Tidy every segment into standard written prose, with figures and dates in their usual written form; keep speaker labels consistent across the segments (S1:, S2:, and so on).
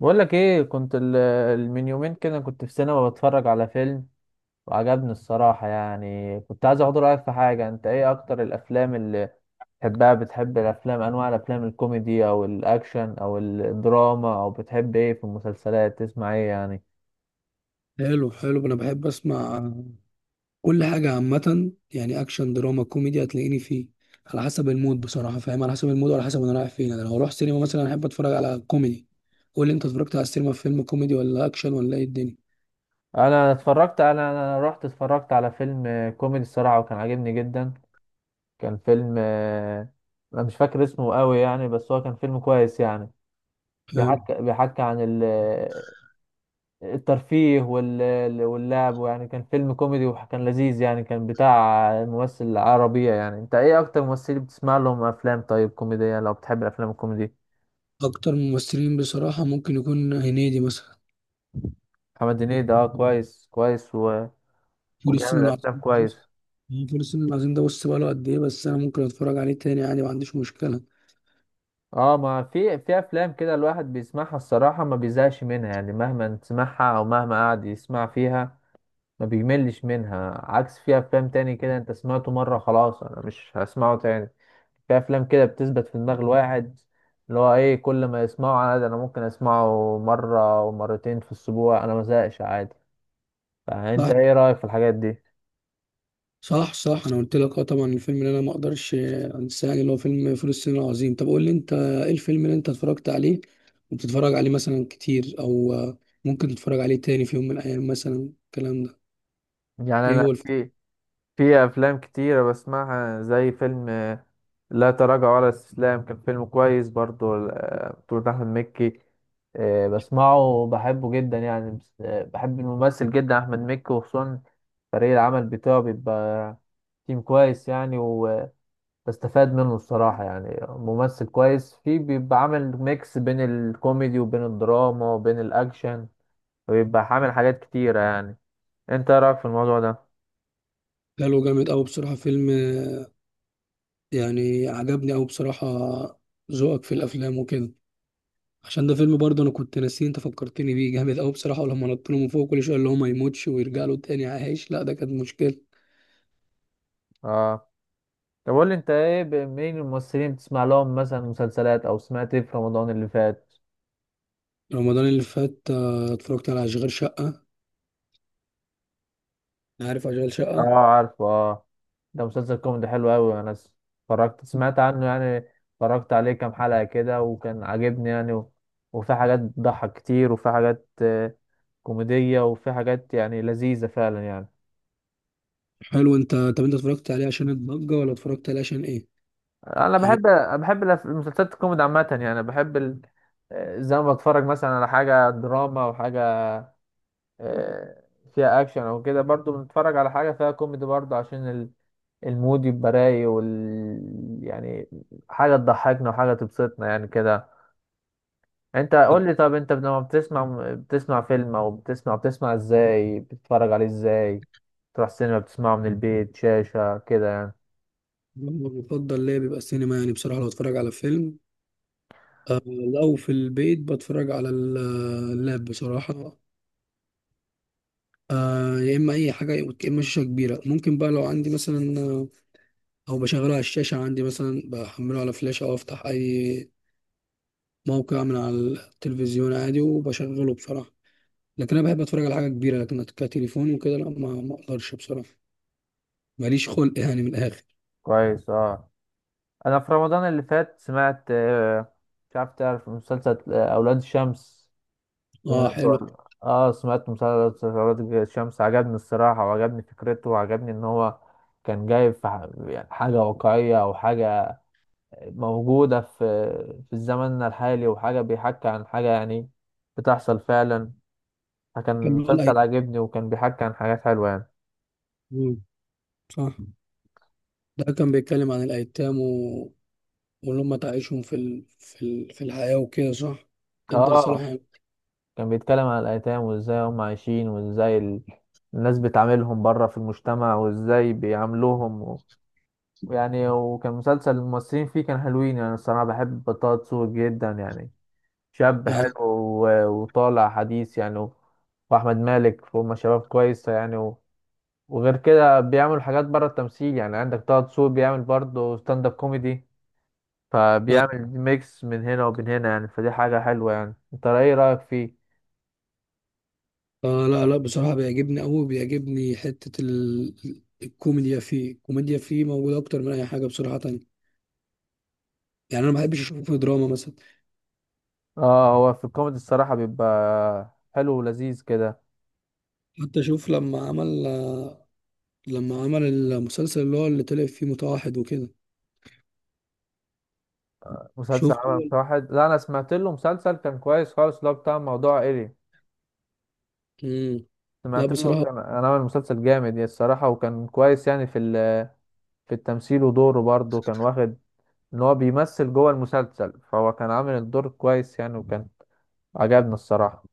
S1: بقول لك ايه، من يومين كده كنت في سينما بتفرج على فيلم، وعجبني الصراحة. يعني كنت عايز اخد رأيك في حاجة. انت ايه اكتر الافلام اللي بتحبها بتحب الافلام انواع الافلام، الكوميدي او الاكشن او الدراما؟ او بتحب ايه في المسلسلات؟ تسمع ايه يعني؟
S2: حلو حلو. انا بحب اسمع كل حاجه عامه، يعني اكشن دراما كوميدي هتلاقيني فيه. على حسب المود بصراحه. فاهم؟ على حسب المود وعلى حسب انا رايح فين. انا لو اروح سينما مثلا احب اتفرج على كوميدي. قول لي انت، اتفرجت على السينما في فيلم كوميدي ولا اكشن ولا ايه الدنيا؟
S1: انا رحت اتفرجت على فيلم كوميدي الصراحة، وكان عاجبني جدا. كان فيلم، انا مش فاكر اسمه قوي يعني، بس هو كان فيلم كويس يعني.
S2: حلو.
S1: بيحكي عن ال الترفيه واللعب، ويعني كان فيلم كوميدي وكان لذيذ يعني، كان بتاع ممثل عربية. يعني انت ايه اكتر ممثل بتسمع لهم افلام طيب كوميدية، لو بتحب الافلام الكوميدي؟
S2: اكتر ممثلين بصراحه ممكن يكون هنيدي مثلا.
S1: محمد هنيدي ده، اه، كويس كويس، و...
S2: فول الصين
S1: وبيعمل افلام
S2: العظيم،
S1: كويس.
S2: بص، فول الصين العظيم ده بص بقاله قد ايه، بس انا ممكن اتفرج عليه تاني، يعني ما عنديش مشكله.
S1: اه، ما في افلام كده الواحد بيسمعها الصراحة ما بيزهقش منها يعني، مهما تسمعها او مهما قعد يسمع فيها ما بيملش منها. عكس في افلام تاني كده، انت سمعته مرة خلاص، انا مش هسمعه تاني. في افلام كده بتثبت في دماغ الواحد، اللي هو ايه، كل ما يسمعه عادي، انا ممكن اسمعه مره ومرتين في الاسبوع، انا ما زهقش عادي. فانت
S2: واحد،
S1: ايه رايك في الحاجات دي؟
S2: صح صح. انا قلت لك اه، طبعا الفيلم اللي انا ما اقدرش انساه يعني اللي هو فيلم فول الصين العظيم. طب قول لي انت ايه الفيلم اللي انت اتفرجت عليه وبتتفرج عليه مثلا كتير؟ او ممكن تتفرج عليه تاني في يوم من الايام مثلا، الكلام ده.
S1: يعني
S2: ايه
S1: انا،
S2: هو الفيلم؟
S1: في افلام كتيره بسمعها زي فيلم، لا تراجع ولا استسلام. كان فيلم كويس برضو، بطولة احمد مكي. إيه، بسمعه وبحبه جدا يعني، بس بحب الممثل جدا احمد مكي، وخصوصا فريق العمل بتاعه بيبقى تيم كويس يعني، بستفاد منه الصراحة يعني. ممثل كويس فيه، بيبقى عامل ميكس بين الكوميدي وبين الدراما وبين الأكشن، بيبقى عامل حاجات كتيرة يعني. انت ايه رأيك في الموضوع ده؟
S2: ده له جامد قوي بصراحة، فيلم يعني عجبني قوي بصراحة. ذوقك في الافلام وكده، عشان ده فيلم برضه انا كنت ناسيه. انت فكرتني بيه جامد قوي بصراحة. ولما نط له من فوق كل شوية، اللي هو ما يموتش ويرجع له تاني عايش، لا ده كانت مشكلة.
S1: اه، طب قول لي انت ايه، مين الممثلين بتسمع لهم مثلا مسلسلات؟ او سمعت ايه في رمضان اللي فات؟
S2: رمضان اللي فات اتفرجت على اشغال شقة. عارف اشغال
S1: اه
S2: شقه؟
S1: عارف، اه. ده مسلسل كوميدي حلو قوي. انا اتفرجت، سمعت عنه يعني. اتفرجت عليه كام حلقة كده وكان عاجبني يعني، و... وفي حاجات بتضحك كتير، وفي حاجات كوميدية، وفي حاجات يعني لذيذة فعلا يعني.
S2: حلو. انت طب انت اتفرجت عليه عشان الضجه، ولا اتفرجت عليه عشان ايه
S1: انا، بحب
S2: يعني؟
S1: بحب المسلسلات الكوميدي عامة يعني. بحب ال... آه، زي ما بتفرج مثلا على حاجة دراما، او حاجة آه، فيها اكشن او كده، برضو بنتفرج على حاجة فيها كوميدي برضو، عشان المود يبقى رايق، يعني حاجة تضحكنا وحاجة تبسطنا يعني كده. انت
S2: طب
S1: قول لي، طب انت لما بتسمع، بتسمع فيلم، او بتسمع ازاي بتتفرج عليه؟ ازاي؟ تروح سينما، بتسمعه من البيت، شاشة كده يعني؟
S2: المفضل ليا بيبقى السينما يعني بصراحه. لو اتفرج على فيلم آه، لو في البيت بتفرج على اللاب بصراحه. آه، يا اما اي حاجه، يا اما شاشه كبيره ممكن بقى لو عندي مثلا، او بشغله على الشاشه عندي مثلا، بحمله على فلاش او افتح اي موقع من على التلفزيون عادي وبشغله بصراحه. لكن انا بحب اتفرج على حاجه كبيره، لكن كتليفون وكده لا، ما اقدرش بصراحه. ماليش خلق يعني من الاخر.
S1: كويس. اه، انا في رمضان اللي فات سمعت، مش عارف تعرف مسلسل، اولاد الشمس؟
S2: اه
S1: سمعت؟
S2: حلو.
S1: ولا اه، سمعت مسلسل اولاد الشمس، عجبني الصراحه، وعجبني فكرته، وعجبني ان هو كان جايب في يعني حاجه واقعيه، او حاجه موجوده في الزمن الحالي، وحاجه بيحكي عن حاجه يعني بتحصل فعلا. فكان
S2: كان بيقول
S1: مسلسل عجبني، وكان بيحكي عن حاجات حلوه يعني.
S2: مم، صح. ده كان بيتكلم عن الأيتام و واللي هم تعيشهم في الحياة وكده، صح. ادى رسالة
S1: اه،
S2: حلوة
S1: كان بيتكلم عن الأيتام، وإزاي هم عايشين، وإزاي الناس بتعاملهم بره في المجتمع، وإزاي بيعاملوهم، و... يعني. وكان مسلسل الممثلين فيه كان حلوين يعني. الصراحة بحب طه دسوقي جدا يعني، شاب
S2: يعني.
S1: حلو و... وطالع حديث يعني، و... وأحمد مالك. وهم شباب كويسة يعني، و... وغير كده بيعملوا حاجات بره التمثيل يعني. عندك طه دسوقي بيعمل برضه ستاند اب كوميدي، فبيعمل ميكس من هنا وبين هنا يعني، فدي حاجة حلوة يعني. انت ايه رأيك فيه؟
S2: آه، لا بصراحة بيعجبني أوي. بيعجبني حتة الكوميديا فيه. الكوميديا فيه موجودة أكتر من أي حاجة بصراحة تانية، يعني أنا ما بحبش أشوفه في دراما مثلا.
S1: اه، هو في الكوميدي الصراحة بيبقى حلو ولذيذ كده.
S2: حتى أشوف لما عمل لما عمل المسلسل اللي هو اللي طلع فيه متوحد وكده.
S1: مسلسل
S2: شفت؟
S1: عمل واحد، لا انا سمعت له مسلسل كان كويس خالص، اللي هو بتاع موضوع ايري.
S2: مم. لا
S1: سمعت له،
S2: بصراحة،
S1: كان انا عامل مسلسل جامد يعني الصراحة، وكان كويس يعني في التمثيل، ودوره برضه كان واخد ان هو بيمثل جوه المسلسل، فهو كان عامل الدور كويس يعني، وكان عجبني الصراحة.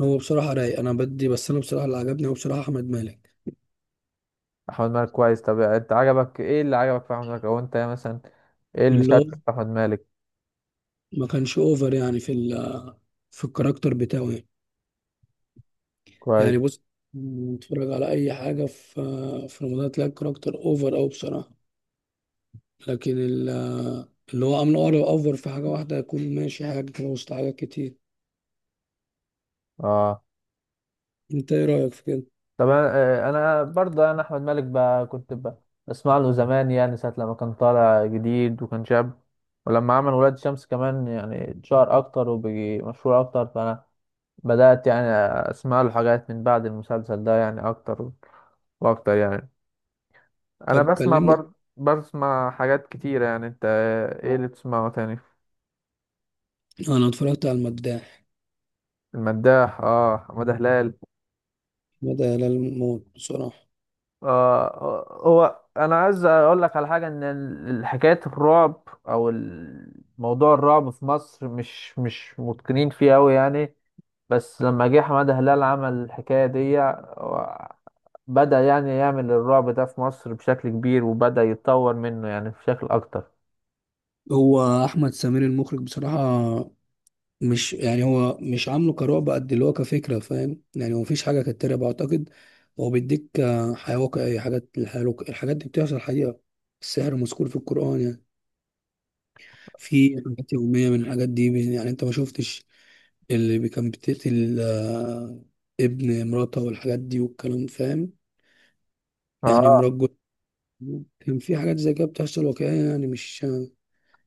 S2: هو بصراحة رايق. أنا بدي بس، أنا بصراحة اللي عجبني هو بصراحة أحمد مالك.
S1: احمد مالك كويس. طب انت عجبك ايه؟ اللي عجبك في احمد مالك؟ او انت مثلا ايه اللي
S2: اللي هو
S1: شدك في احمد مالك؟
S2: ما كانش أوفر يعني في ال في الكاركتر بتاعه يعني.
S1: كويس.
S2: يعني بص، نتفرج على أي حاجة في في رمضان تلاقي الكاركتر أوفر أوي بصراحة. لكن اللي هو عامله أوفر. أوفر في حاجة واحدة يكون ماشي، حاجة كده وسط حاجات كتير.
S1: اه
S2: أنت إيه رأيك في كده؟
S1: طب انا آه، أنا برضه، انا احمد مالك بقى كنت بسمع له زمان يعني، ساعه لما كان طالع جديد وكان شاب. ولما عمل ولاد شمس كمان يعني اتشهر اكتر وبقي مشهور اكتر، فانا بدات يعني اسمع له حاجات من بعد المسلسل ده يعني، اكتر واكتر يعني. انا
S2: طب
S1: بسمع،
S2: كلمنا.
S1: برضه بسمع حاجات كتيره يعني. انت ايه اللي بتسمعه تاني؟
S2: أنا اتفرجت على المداح.
S1: المداح، اه، حماده هلال.
S2: بدأ هلال موت بصراحة.
S1: آه، هو انا عايز اقول لك على حاجه، ان حكايه الرعب، او موضوع الرعب في مصر، مش متقنين فيه قوي يعني. بس لما جه حماده هلال عمل الحكايه دي، بدأ يعني يعمل الرعب ده في مصر بشكل كبير، وبدأ يتطور منه يعني بشكل اكتر.
S2: هو أحمد سمير المخرج بصراحة، مش يعني هو مش عامله كرعب قد اللي هو كفكرة، فاهم؟ يعني هو مفيش حاجة كانت ترعب أعتقد. هو بيديك حياة واقعية. حاجات الحياة الحاجات دي بتحصل حقيقة. السحر مذكور في القرآن يعني. في حاجات يومية من الحاجات دي يعني أنت ما شفتش اللي كان بتقتل ابن مراته والحاجات دي والكلام، فاهم؟ يعني
S1: اه.
S2: كان في حاجات زي كده بتحصل واقعية، يعني مش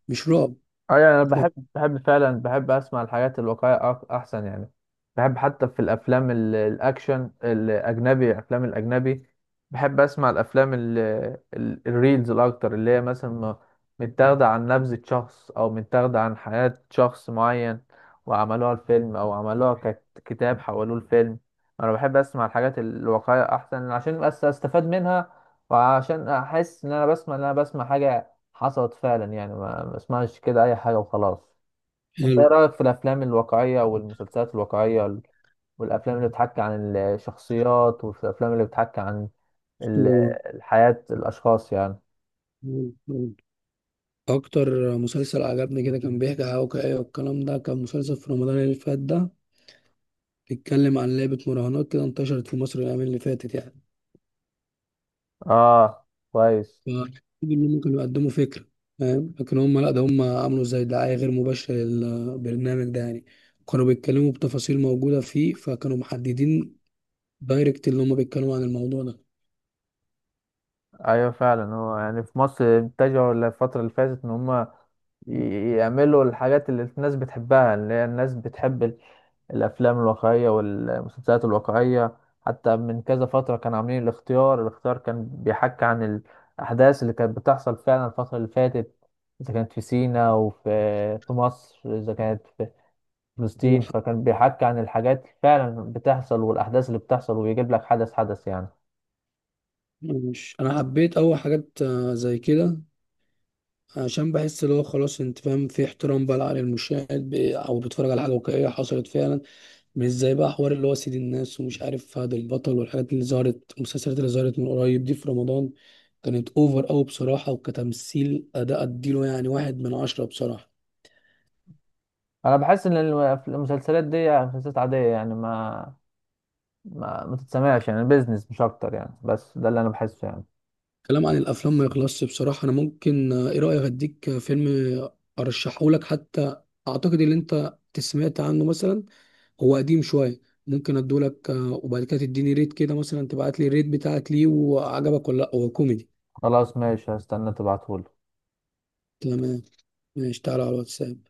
S2: مش رعب.
S1: اه يعني انا
S2: فاهم؟
S1: بحب فعلا، بحب اسمع الحاجات الواقعيه، احسن يعني. بحب حتى في الافلام، الاكشن الاجنبي، الافلام الاجنبي. بحب اسمع الافلام، الريلز الاكتر، اللي هي مثلا متاخده عن نبذه شخص، او متاخده عن حياه شخص معين، وعملوها الفيلم، او عملوها ككتاب حولوه الفيلم. انا بحب اسمع الحاجات الواقعيه احسن، عشان بس استفاد منها، وعشان احس ان انا بسمع حاجه حصلت فعلا يعني، ما اسمعش كده اي حاجه وخلاص. انت ايه رايك في الافلام الواقعيه، والمسلسلات الواقعيه، والافلام اللي بتحكي عن الشخصيات؟ وفي الافلام اللي بتحكي عن ال-
S2: حلو.
S1: الحياه، الاشخاص يعني.
S2: اكتر مسلسل عجبني كده كان بيحكي عن واقعية والكلام ده، كان مسلسل في رمضان اللي فات ده، بيتكلم عن لعبة مراهنات كده انتشرت في مصر الايام اللي فاتت يعني.
S1: اه كويس.
S2: فالمفروض انهم كانوا يقدموا فكرة، فاهم؟ لكن هم لا، ده هم عملوا زي دعاية غير مباشرة للبرنامج ده يعني. كانوا بيتكلموا بتفاصيل موجودة فيه، فكانوا محددين دايركت اللي هم بيتكلموا عن الموضوع ده.
S1: ايوه فعلا. هو يعني في مصر اتجهوا الفتره اللي فاتت ان هم يعملوا الحاجات اللي الناس بتحبها، اللي هي الناس بتحب الافلام الواقعيه والمسلسلات الواقعيه. حتى من كذا فتره كانوا عاملين الاختيار. الاختيار كان بيحكي عن الاحداث اللي كانت بتحصل فعلا الفتره اللي فاتت، اذا كانت في سيناء، وفي في مصر، اذا كانت في فلسطين. فكان بيحكي عن الحاجات اللي فعلا بتحصل، والاحداث اللي بتحصل، ويجيب لك حدث حدث يعني.
S2: مش انا حبيت اول حاجات زي كده، عشان بحس اللي هو خلاص، انت فاهم، في احترام بقى على المشاهد او بيتفرج على حاجه واقعيه حصلت فعلا. مش زي بقى حوار اللي هو سيد الناس ومش عارف فهد البطل والحاجات اللي ظهرت، المسلسلات اللي ظهرت من قريب دي في رمضان، كانت اوفر قوي بصراحه. وكتمثيل اداء اديله يعني 1 من 10 بصراحه.
S1: انا بحس ان المسلسلات دي مسلسلات عاديه يعني، ما تتسمعش يعني، بيزنس مش اكتر يعني. بس ده اللي انا بحسه يعني.
S2: كلام عن الافلام ما يخلصش بصراحه. انا ممكن ايه رايك اديك فيلم ارشحه لك حتى؟ اعتقد ان انت سمعت عنه مثلا. هو قديم شويه. ممكن ادولك وبعد كده تديني ريت كده مثلا، تبعت لي الريت بتاعك ليه وعجبك ولا لا. هو كوميدي.
S1: خلاص ماشي، هستنى تبعتهولي.
S2: تمام، ماشي، تعالى على الواتساب.